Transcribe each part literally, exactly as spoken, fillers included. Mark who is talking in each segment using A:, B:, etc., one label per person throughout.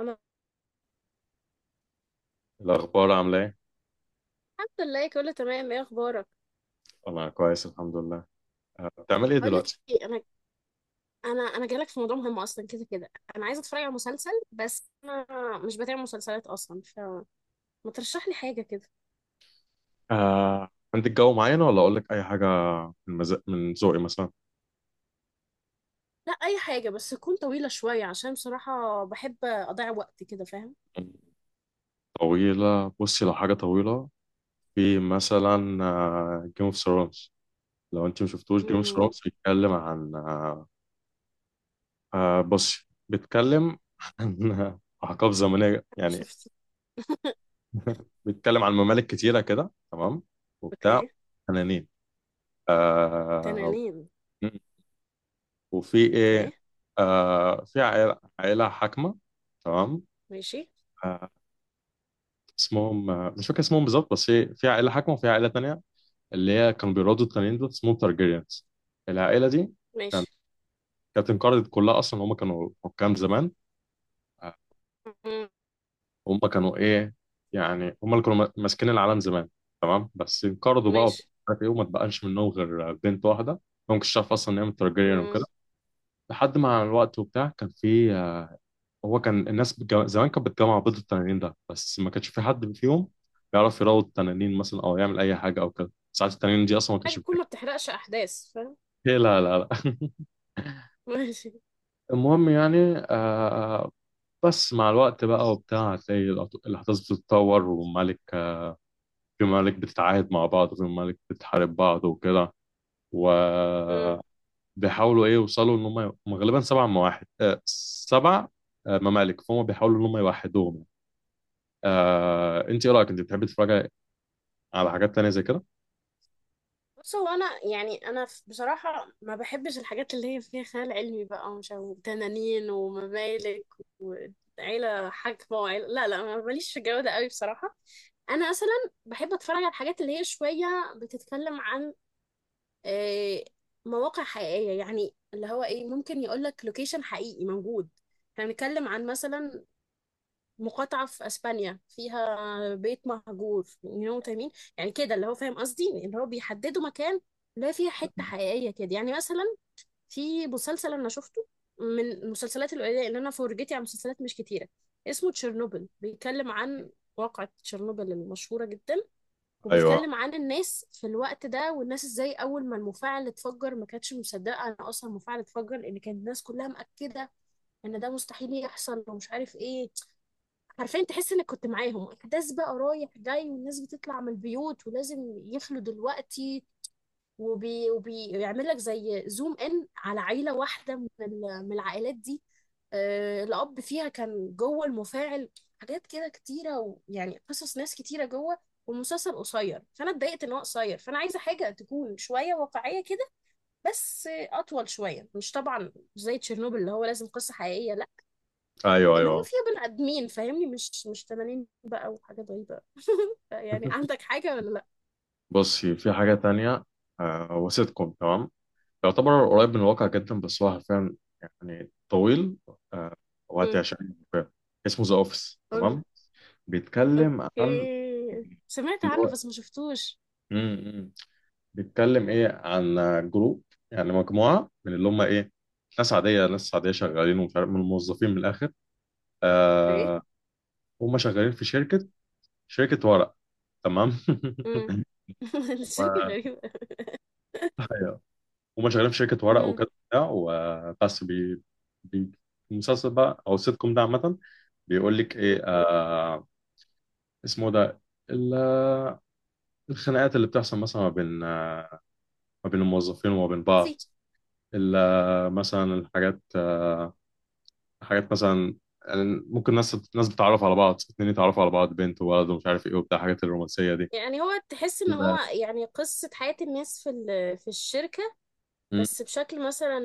A: انا
B: الأخبار عاملة إيه؟
A: الحمد لله كله تمام، ايه اخبارك؟
B: أنا كويس الحمد لله. أه، بتعمل إيه
A: اقول لك
B: دلوقتي؟
A: ايه. انا انا انا جالك في موضوع مهم. اصلا كده كده انا عايزه اتفرج على مسلسل، بس انا مش بتابع مسلسلات اصلا، فما ترشح لي حاجه كده.
B: آه، عندك جو معين ولا أقول لك أي حاجة من مز... من ذوقي مثلا؟
A: لا، اي حاجه، بس تكون طويله شويه، عشان بصراحه بحب اضيع وقت كده، فاهم؟
B: طويلة، بصي لو حاجة طويلة في مثلا جيم اوف ثرونز. لو أنت ما شفتوش جيم اوف
A: امم
B: ثرونز، بيتكلم عن آه، آه، بصي، بيتكلم عن أحقاب زمنية
A: أنا
B: يعني.
A: شفت.
B: بيتكلم عن ممالك كتيرة كده، تمام، وبتاع
A: اوكي.
B: تنانين. آه،
A: تنانين.
B: وفي ايه؟
A: اوكي.
B: آه في عائلة عائلة حاكمة، تمام.
A: ماشي.
B: آه اسمهم، آه مش فاكر اسمهم بالظبط، بس هي في عائلة حاكمة وفي عائلة تانية اللي هي كانوا بيرادوا، التانيين دول اسمهم تارجيريانز. العائلة دي كانت
A: ماشي.
B: كانت انقرضت كلها أصلا، هم كانوا حكام زمان. آه،
A: مم.
B: هم كانوا إيه؟ يعني هم اللي كانوا ما- ماسكين العالم زمان، تمام. بس انقرضوا بقى ومش
A: ماشي.
B: عارف إيه، وما اتبقاش منهم غير آه، بنت واحدة. ما كنتش عارف أصلا إن هي من تارجيريان
A: مم.
B: وكده لحد مع الوقت وبتاع. كان في آه، هو كان الناس بتجو... زمان كانت بتجمع بيض التنانين ده، بس ما كانش في حد فيهم بيعرف يروض التنانين مثلا او يعمل اي حاجه او كده. ساعات التنانين دي اصلا ما
A: حاجه
B: كانتش
A: تكون
B: بتاكل.
A: ما بتحرقش احداث، فاهم؟
B: إيه؟ لا، لا، لا.
A: ماشي.
B: المهم يعني. آه بس مع الوقت بقى وبتاع هتلاقي الأط- الاحداث بتتطور، وملك في ملك بتتعاهد مع بعض، وفي ملك بتحارب بعض وكده. وبيحاولوا ايه يوصلوا ان هم، هم غالبا سبع مواحد، آه سبع آه، ممالك، فهم بيحاولوا ان هم يوحدوهم يعني. آه، انت ايه رايك؟ انت بتحبي تتفرجي على حاجات تانية زي كده؟
A: بص، هو انا يعني انا ف- بصراحه ما بحبش الحاجات اللي هي فيها خيال علمي بقى، ومش عارف- وتنانين وممالك وعيله حاكمه وعيله، لا لا، ما ماليش في الجو ده قوي بصراحه. انا مثلا بحب اتفرج على الحاجات اللي هي شويه بتتكلم عن آه، مواقع حقيقيه، يعني اللي هو ايه، ممكن يقول لك لوكيشن حقيقي موجود. احنا بنتكلم عن مثلا مقاطعة في اسبانيا فيها بيت مهجور يو تامين، يعني كده اللي هو، فاهم قصدي، اللي هو بيحددوا مكان لا فيها حتة حقيقية كده. يعني مثلا في مسلسل انا شفته، من المسلسلات القليلة ان انا فرجتي على مسلسلات مش كتيرة، اسمه تشيرنوبل. بيتكلم عن واقعة تشيرنوبل المشهورة جدا،
B: ايوه،
A: وبيتكلم عن الناس في الوقت ده، والناس ازاي اول ما المفاعل اتفجر ما كانتش مصدقة انا اصلا المفاعل اتفجر، لان كانت الناس كلها مأكدة ان ده مستحيل يحصل ومش عارف ايه. حرفيا تحس انك كنت معاهم. احداث بقى رايح جاي، والناس بتطلع من البيوت ولازم يخلوا دلوقتي. وبي... وبيعمل لك زي زوم ان على عيله واحده من ال... من العائلات دي. آه... الاب فيها كان جوه المفاعل. حاجات كده كتيره، ويعني قصص ناس كتيره جوه. والمسلسل قصير، فانا اتضايقت ان هو قصير، فانا عايزه حاجه تكون شويه واقعيه كده، بس آه، اطول شويه. مش طبعا زي تشيرنوبل اللي هو لازم قصه حقيقيه، لا،
B: ايوه،
A: اللي هو
B: ايوه.
A: فيها بني ادمين، فاهمني، مش مش تنانين بقى وحاجات غريبه يعني عندك حاجه ولا لا؟
B: بصي، في حاجه تانية. آه هو سيت كوم، تمام، يعتبر قريب من الواقع جدا، بس هو حرفيا يعني طويل. آه
A: امم.
B: وهتعشقه. اسمه ذا اوفيس،
A: قلنا.
B: تمام. بيتكلم عن
A: اوكي سمعت
B: اللي
A: عنه
B: هو،
A: بس ما شفتوش.
B: امم بيتكلم ايه عن جروب، يعني مجموعه من اللي هم ايه، ناس عاديه ناس عاديه شغالين ومش عارف، من الموظفين، من الاخر.
A: ايه.
B: آه هم شغالين في شركه، شركه ورق، تمام.
A: امم. الشركه غريبه.
B: ايوه. هما شغالين في شركه ورق
A: امم.
B: وكده وبتاع، وبس بي, بي المسلسل بقى او السيت كوم ده عامه بيقول لك
A: أمم.
B: ايه؟ آه اسمه ده ال- الخناقات اللي بتحصل مثلا ما بين، آه ما بين الموظفين وما بين
A: سي.
B: بعض. ال- آه، مثلا الحاجات، آه حاجات مثلا، يعني ممكن ناس ناس بتتعرف على بعض، اتنين يتعرفوا على بعض، بنت وولد ومش عارف ايه وبتاع الحاجات الرومانسيه دي.
A: يعني هو تحس ان هو
B: لا.
A: يعني قصه حياه الناس في ال- في الشركه،
B: مم.
A: بس بشكل مثلا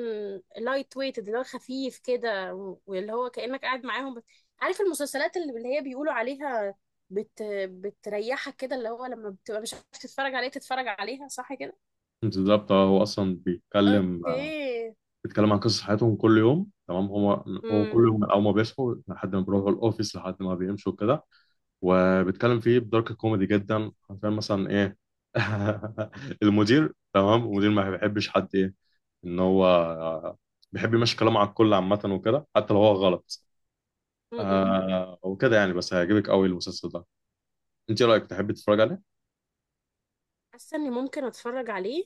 A: لايت ويت، اللي هو خفيف كده، و- واللي هو كأنك قاعد معاهم بت... عارف المسلسلات اللي اللي هي بيقولوا عليها بت... بتريحك كده، اللي هو لما بتبقى مش عارف تتفرج عليه تتفرج عليها، صح كده؟
B: بالظبط. آه، هو اصلا بيتكلم، آه،
A: اوكي.
B: بيتكلم عن قصص حياتهم كل يوم، تمام. هو هو كل يوم من اول ما بيصحوا لحد ما بيروحوا الاوفيس لحد ما بيمشوا كده. وبيتكلم فيه بدارك كوميدي جدا، عشان مثلا ايه، المدير، تمام، المدير ما بيحبش حد، ايه، ان هو بيحب يمشي كلامه على الكل عامه وكده حتى لو هو غلط.
A: امم.
B: آه وكده يعني، بس هيعجبك قوي المسلسل ده. انت إيه رايك؟ تحب تتفرج عليه؟
A: حاسه اني ممكن اتفرج عليه.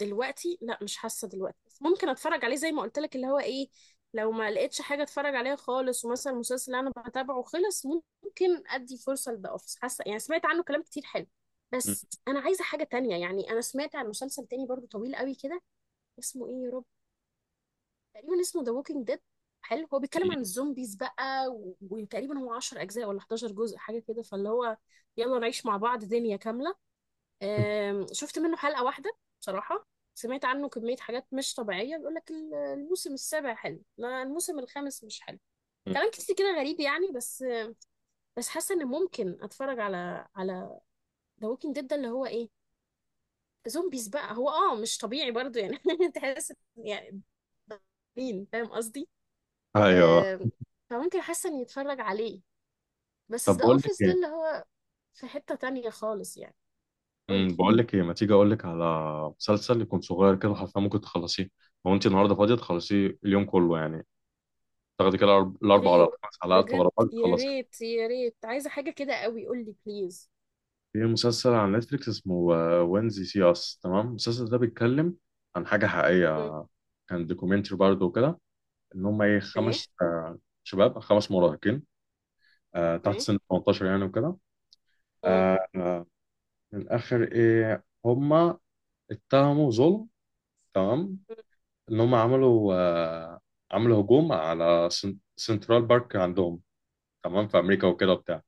A: دلوقتي لا، مش حاسه دلوقتي، بس ممكن اتفرج عليه زي ما قلت لك، اللي هو ايه، لو ما لقيتش حاجه اتفرج عليها خالص، ومثلا المسلسل اللي انا بتابعه خلص، ممكن ادي فرصه لده اوفيس. حاسه يعني سمعت عنه كلام كتير حلو، بس انا عايزه حاجه تانية. يعني انا سمعت عن مسلسل تاني برضو طويل قوي كده، اسمه ايه يا رب، تقريبا اسمه ذا ووكينج ديد. حلو. هو بيتكلم عن الزومبيز بقى و- وتقريبا هو عشرة اجزاء ولا حداشر جزء حاجه كده، فاللي هو يلا نعيش مع بعض دنيا كامله. آم، شفت منه حلقة واحدة بصراحة. سمعت عنه كمية حاجات مش طبيعية. بيقول لك الموسم السابع حلو، لا الموسم الخامس مش حلو، كلام كتير كده غريب يعني. بس بس حاسة ان ممكن اتفرج على على ذا ووكينج ديد ده، اللي هو ايه، زومبيز بقى. هو اه مش طبيعي برضو يعني تحس يعني، مين فاهم قصدي.
B: ايوه.
A: آم، فممكن حاسة اني اتفرج عليه. بس
B: طب
A: ذا
B: بقول لك
A: اوفيس ده اللي
B: ايه،
A: هو في حتة تانية خالص يعني. قولي.
B: امم بقول لك ايه، ما تيجي اقول لك على مسلسل يكون صغير كده حرفيا ممكن تخلصيه. لو انت النهارده فاضيه تخلصيه اليوم كله يعني. تاخدي كده الأرب-
A: يا
B: الاربع ولا
A: ريت.
B: خمس حلقات
A: بجد
B: ورا بعض
A: يا
B: تخلصيه.
A: ريت، يا ريت، عايزة حاجة كده قوي، قول لي بليز.
B: في مسلسل على نتفليكس اسمه وينزي سي اس، تمام. المسلسل ده بيتكلم عن حاجه
A: مم.
B: حقيقيه، كان دوكيومنتري برضه وكده. ان هم ايه،
A: ايه.
B: خمس آه، شباب، خمس مراهقين آه، تحت
A: ايه.
B: سن ثمانية عشر يعني وكده.
A: مم.
B: آه، آه، من الاخر ايه، هم اتهموا ظلم، تمام.
A: مم.
B: ان هم عملوا، آه، عملوا هجوم على سن- سنترال بارك عندهم، تمام، في امريكا وكده وبتاع.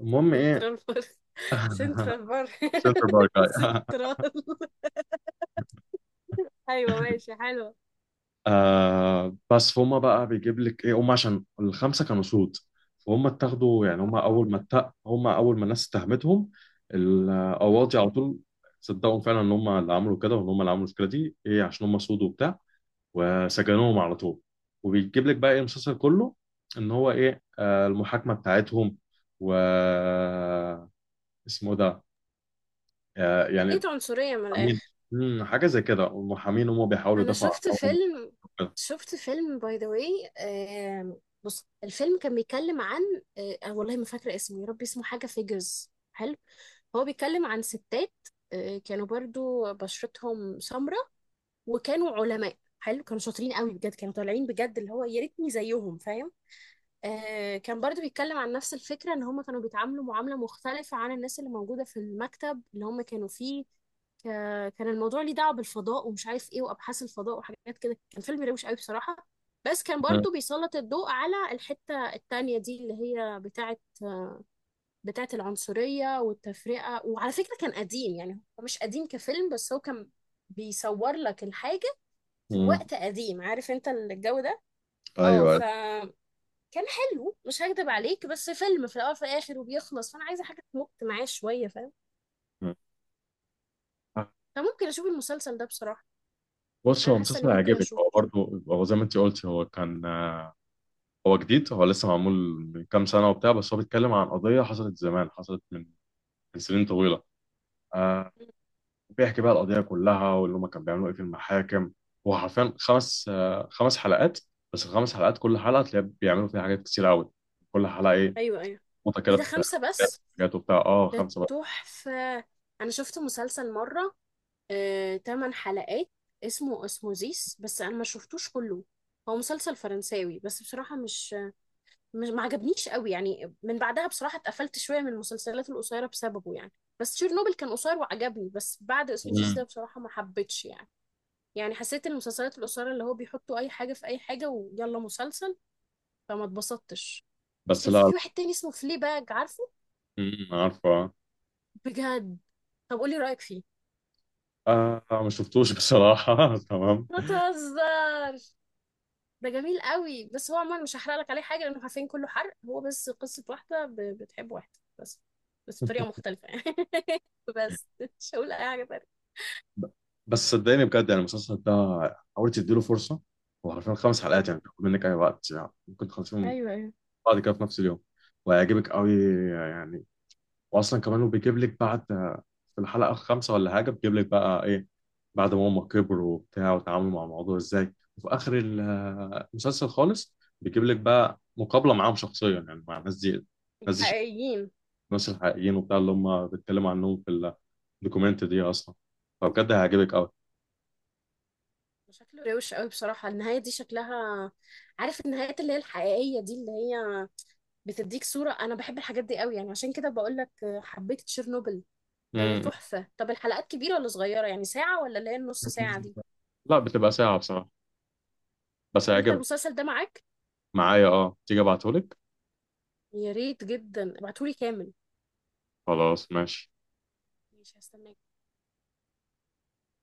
B: المهم ايه،
A: سنترال بارك. سنترال بارك.
B: سنترال بارك، أيوة.
A: سنترال. ايوه ماشي، حلوة.
B: آه بس فهم بقى بيجيب لك ايه، هم عشان الخمسه كانوا سود، فهم اتاخدوا يعني. هم
A: اه.
B: اول ما اتق هم اول ما الناس اتهمتهم،
A: مم.
B: القواضي على طول صدقوا فعلا ان هم اللي عملوا كده وان هم اللي عملوا المشكله دي، ايه، عشان هم سود وبتاع، وسجنوهم على طول. وبيجيب لك بقى ايه المسلسل كله، ان هو ايه آه، المحاكمه بتاعتهم، و اسمه ده آه، يعني
A: خليت عنصرية من
B: محامين.
A: الآخر.
B: مم، حاجه زي كده، والمحامين هم بيحاولوا
A: أنا
B: يدافعوا
A: شفت
B: عنهم
A: فيلم.
B: وكده.
A: شفت فيلم باي ذا واي. بص الفيلم كان بيتكلم عن آه آه، والله ما فاكرة اسمه يا ربي، اسمه حاجة فيجرز. حلو، هو بيتكلم عن ستات آه كانوا برضو بشرتهم سمراء، وكانوا علماء. حلو، كانوا شاطرين قوي بجد، كانوا طالعين بجد اللي هو يا ريتني زيهم، فاهم؟ آه كان برضو بيتكلم عن نفس الفكرة، ان هم كانوا بيتعاملوا معاملة مختلفة عن الناس اللي موجودة في المكتب اللي هم كانوا فيه. ك- كان الموضوع ليه دعوة بالفضاء ومش عارف ايه، وابحاث الفضاء وحاجات كده. كان فيلم روش قوي بصراحة، بس كان
B: مم.
A: برضو بيسلط الضوء على الحتة التانية دي، اللي هي بتاعة بتاعة العنصرية والتفرقة. وعلى فكرة كان قديم، يعني هو مش قديم كفيلم، بس هو كان بيصور لك الحاجة في
B: مم.
A: وقت قديم، عارف انت الجو ده. اه
B: ايوه.
A: فكان حلو، مش هكدب عليك، بس فيلم، في الاول في الاخر وبيخلص، فانا عايزه حاجه تمط معاه شويه، فاهم؟
B: مم.
A: فممكن اشوف المسلسل ده بصراحه.
B: بص،
A: انا
B: هو
A: حاسه
B: مسلسل
A: اني ممكن
B: هيعجبك،
A: اشوفه.
B: هو برضه هو زي ما انت قلت. هو كان آه، هو جديد، هو لسه معمول من كام سنه وبتاع، بس هو بيتكلم عن قضيه حصلت زمان، حصلت من من سنين طويله. آه، بيحكي بقى القضية كلها واللي هما كانوا بيعملوا ايه في المحاكم. هو حرفيا خمس آه، خمس حلقات. بس الخمس حلقات كل حلقة تلاقي بيعملوا فيها حاجات كتير قوي، كل حلقة ايه
A: ايوه ايوه.
B: نقطة كده
A: ايه ده
B: في
A: خمسه بس؟
B: حاجات وبتاع، اه،
A: ده
B: خمسة بقى.
A: تحفه. انا شفت مسلسل مره آه، تمن حلقات اسمه اسموزيس، بس انا ما شفتوش كله. هو مسلسل فرنساوي، بس بصراحه مش مش ما عجبنيش قوي يعني. من بعدها بصراحة اتقفلت شوية من المسلسلات القصيرة بسببه يعني. بس تشيرنوبل كان قصير وعجبني، بس بعد اسموزيس
B: مم.
A: ده بصراحة ما حبيتش يعني، يعني حسيت المسلسلات القصيرة اللي هو بيحطوا أي حاجة في أي حاجة ويلا مسلسل، فما اتبسطتش. بس
B: بس
A: كان
B: لا.
A: في واحد تاني اسمه فليباج، عارفه؟
B: مم، عارفة.
A: بجد؟ طب قولي رأيك فيه.
B: آه ما شفتوش بصراحة. تمام.
A: ما تهزرش، ده جميل قوي، بس هو عموما مش هحرق لك عليه حاجه لانه عارفين كله حرق. هو بس قصه واحده ب- بتحب واحد، بس بس بطريقه مختلفه يعني بس مش هقول اي حاجه تانية.
B: ب- بس صدقني، بجد يعني المسلسل ده حاولت تديله فرصة. هو حرفيا خمس
A: مم.
B: حلقات، يعني بياخد منك أي وقت، يعني ممكن تخلصيهم
A: ايوه ايوه.
B: بعد كده في نفس اليوم، وهيعجبك قوي يعني. واصلا كمان وبيجيب لك بعد في الحلقه الخامسه ولا حاجه، بيجيب لك بقى ايه بعد ما هم كبروا وبتاع وتعاملوا مع الموضوع ازاي. وفي اخر ال- المسلسل خالص بيجيب لك بقى مقابله معاهم شخصيا، يعني مع الناس دي. الناس دي
A: حقيقيين.
B: الناس الحقيقيين وبتاع اللي هم بيتكلموا عنهم في الدوكيومنت دي اصلا. فبجد هيعجبك قوي.
A: شكله روش قوي بصراحه النهايه دي شكلها. عارف النهايات اللي هي الحقيقيه دي، اللي هي بتديك صوره، انا بحب الحاجات دي قوي، يعني عشان كده بقول لك حبيت تشيرنوبل. ده ده
B: مم.
A: تحفه. طب الحلقات كبيره ولا صغيره؟ يعني ساعه ولا اللي هي النص ساعه دي؟
B: لا، بتبقى ساعه بصراحه، بس
A: طب انت
B: هيعجبك.
A: المسلسل ده معاك؟
B: معايا، اه، تيجي ابعتهولك.
A: يا ريت جدا، ابعتهولي كامل.
B: خلاص، ماشي.
A: ماشي، هستناك.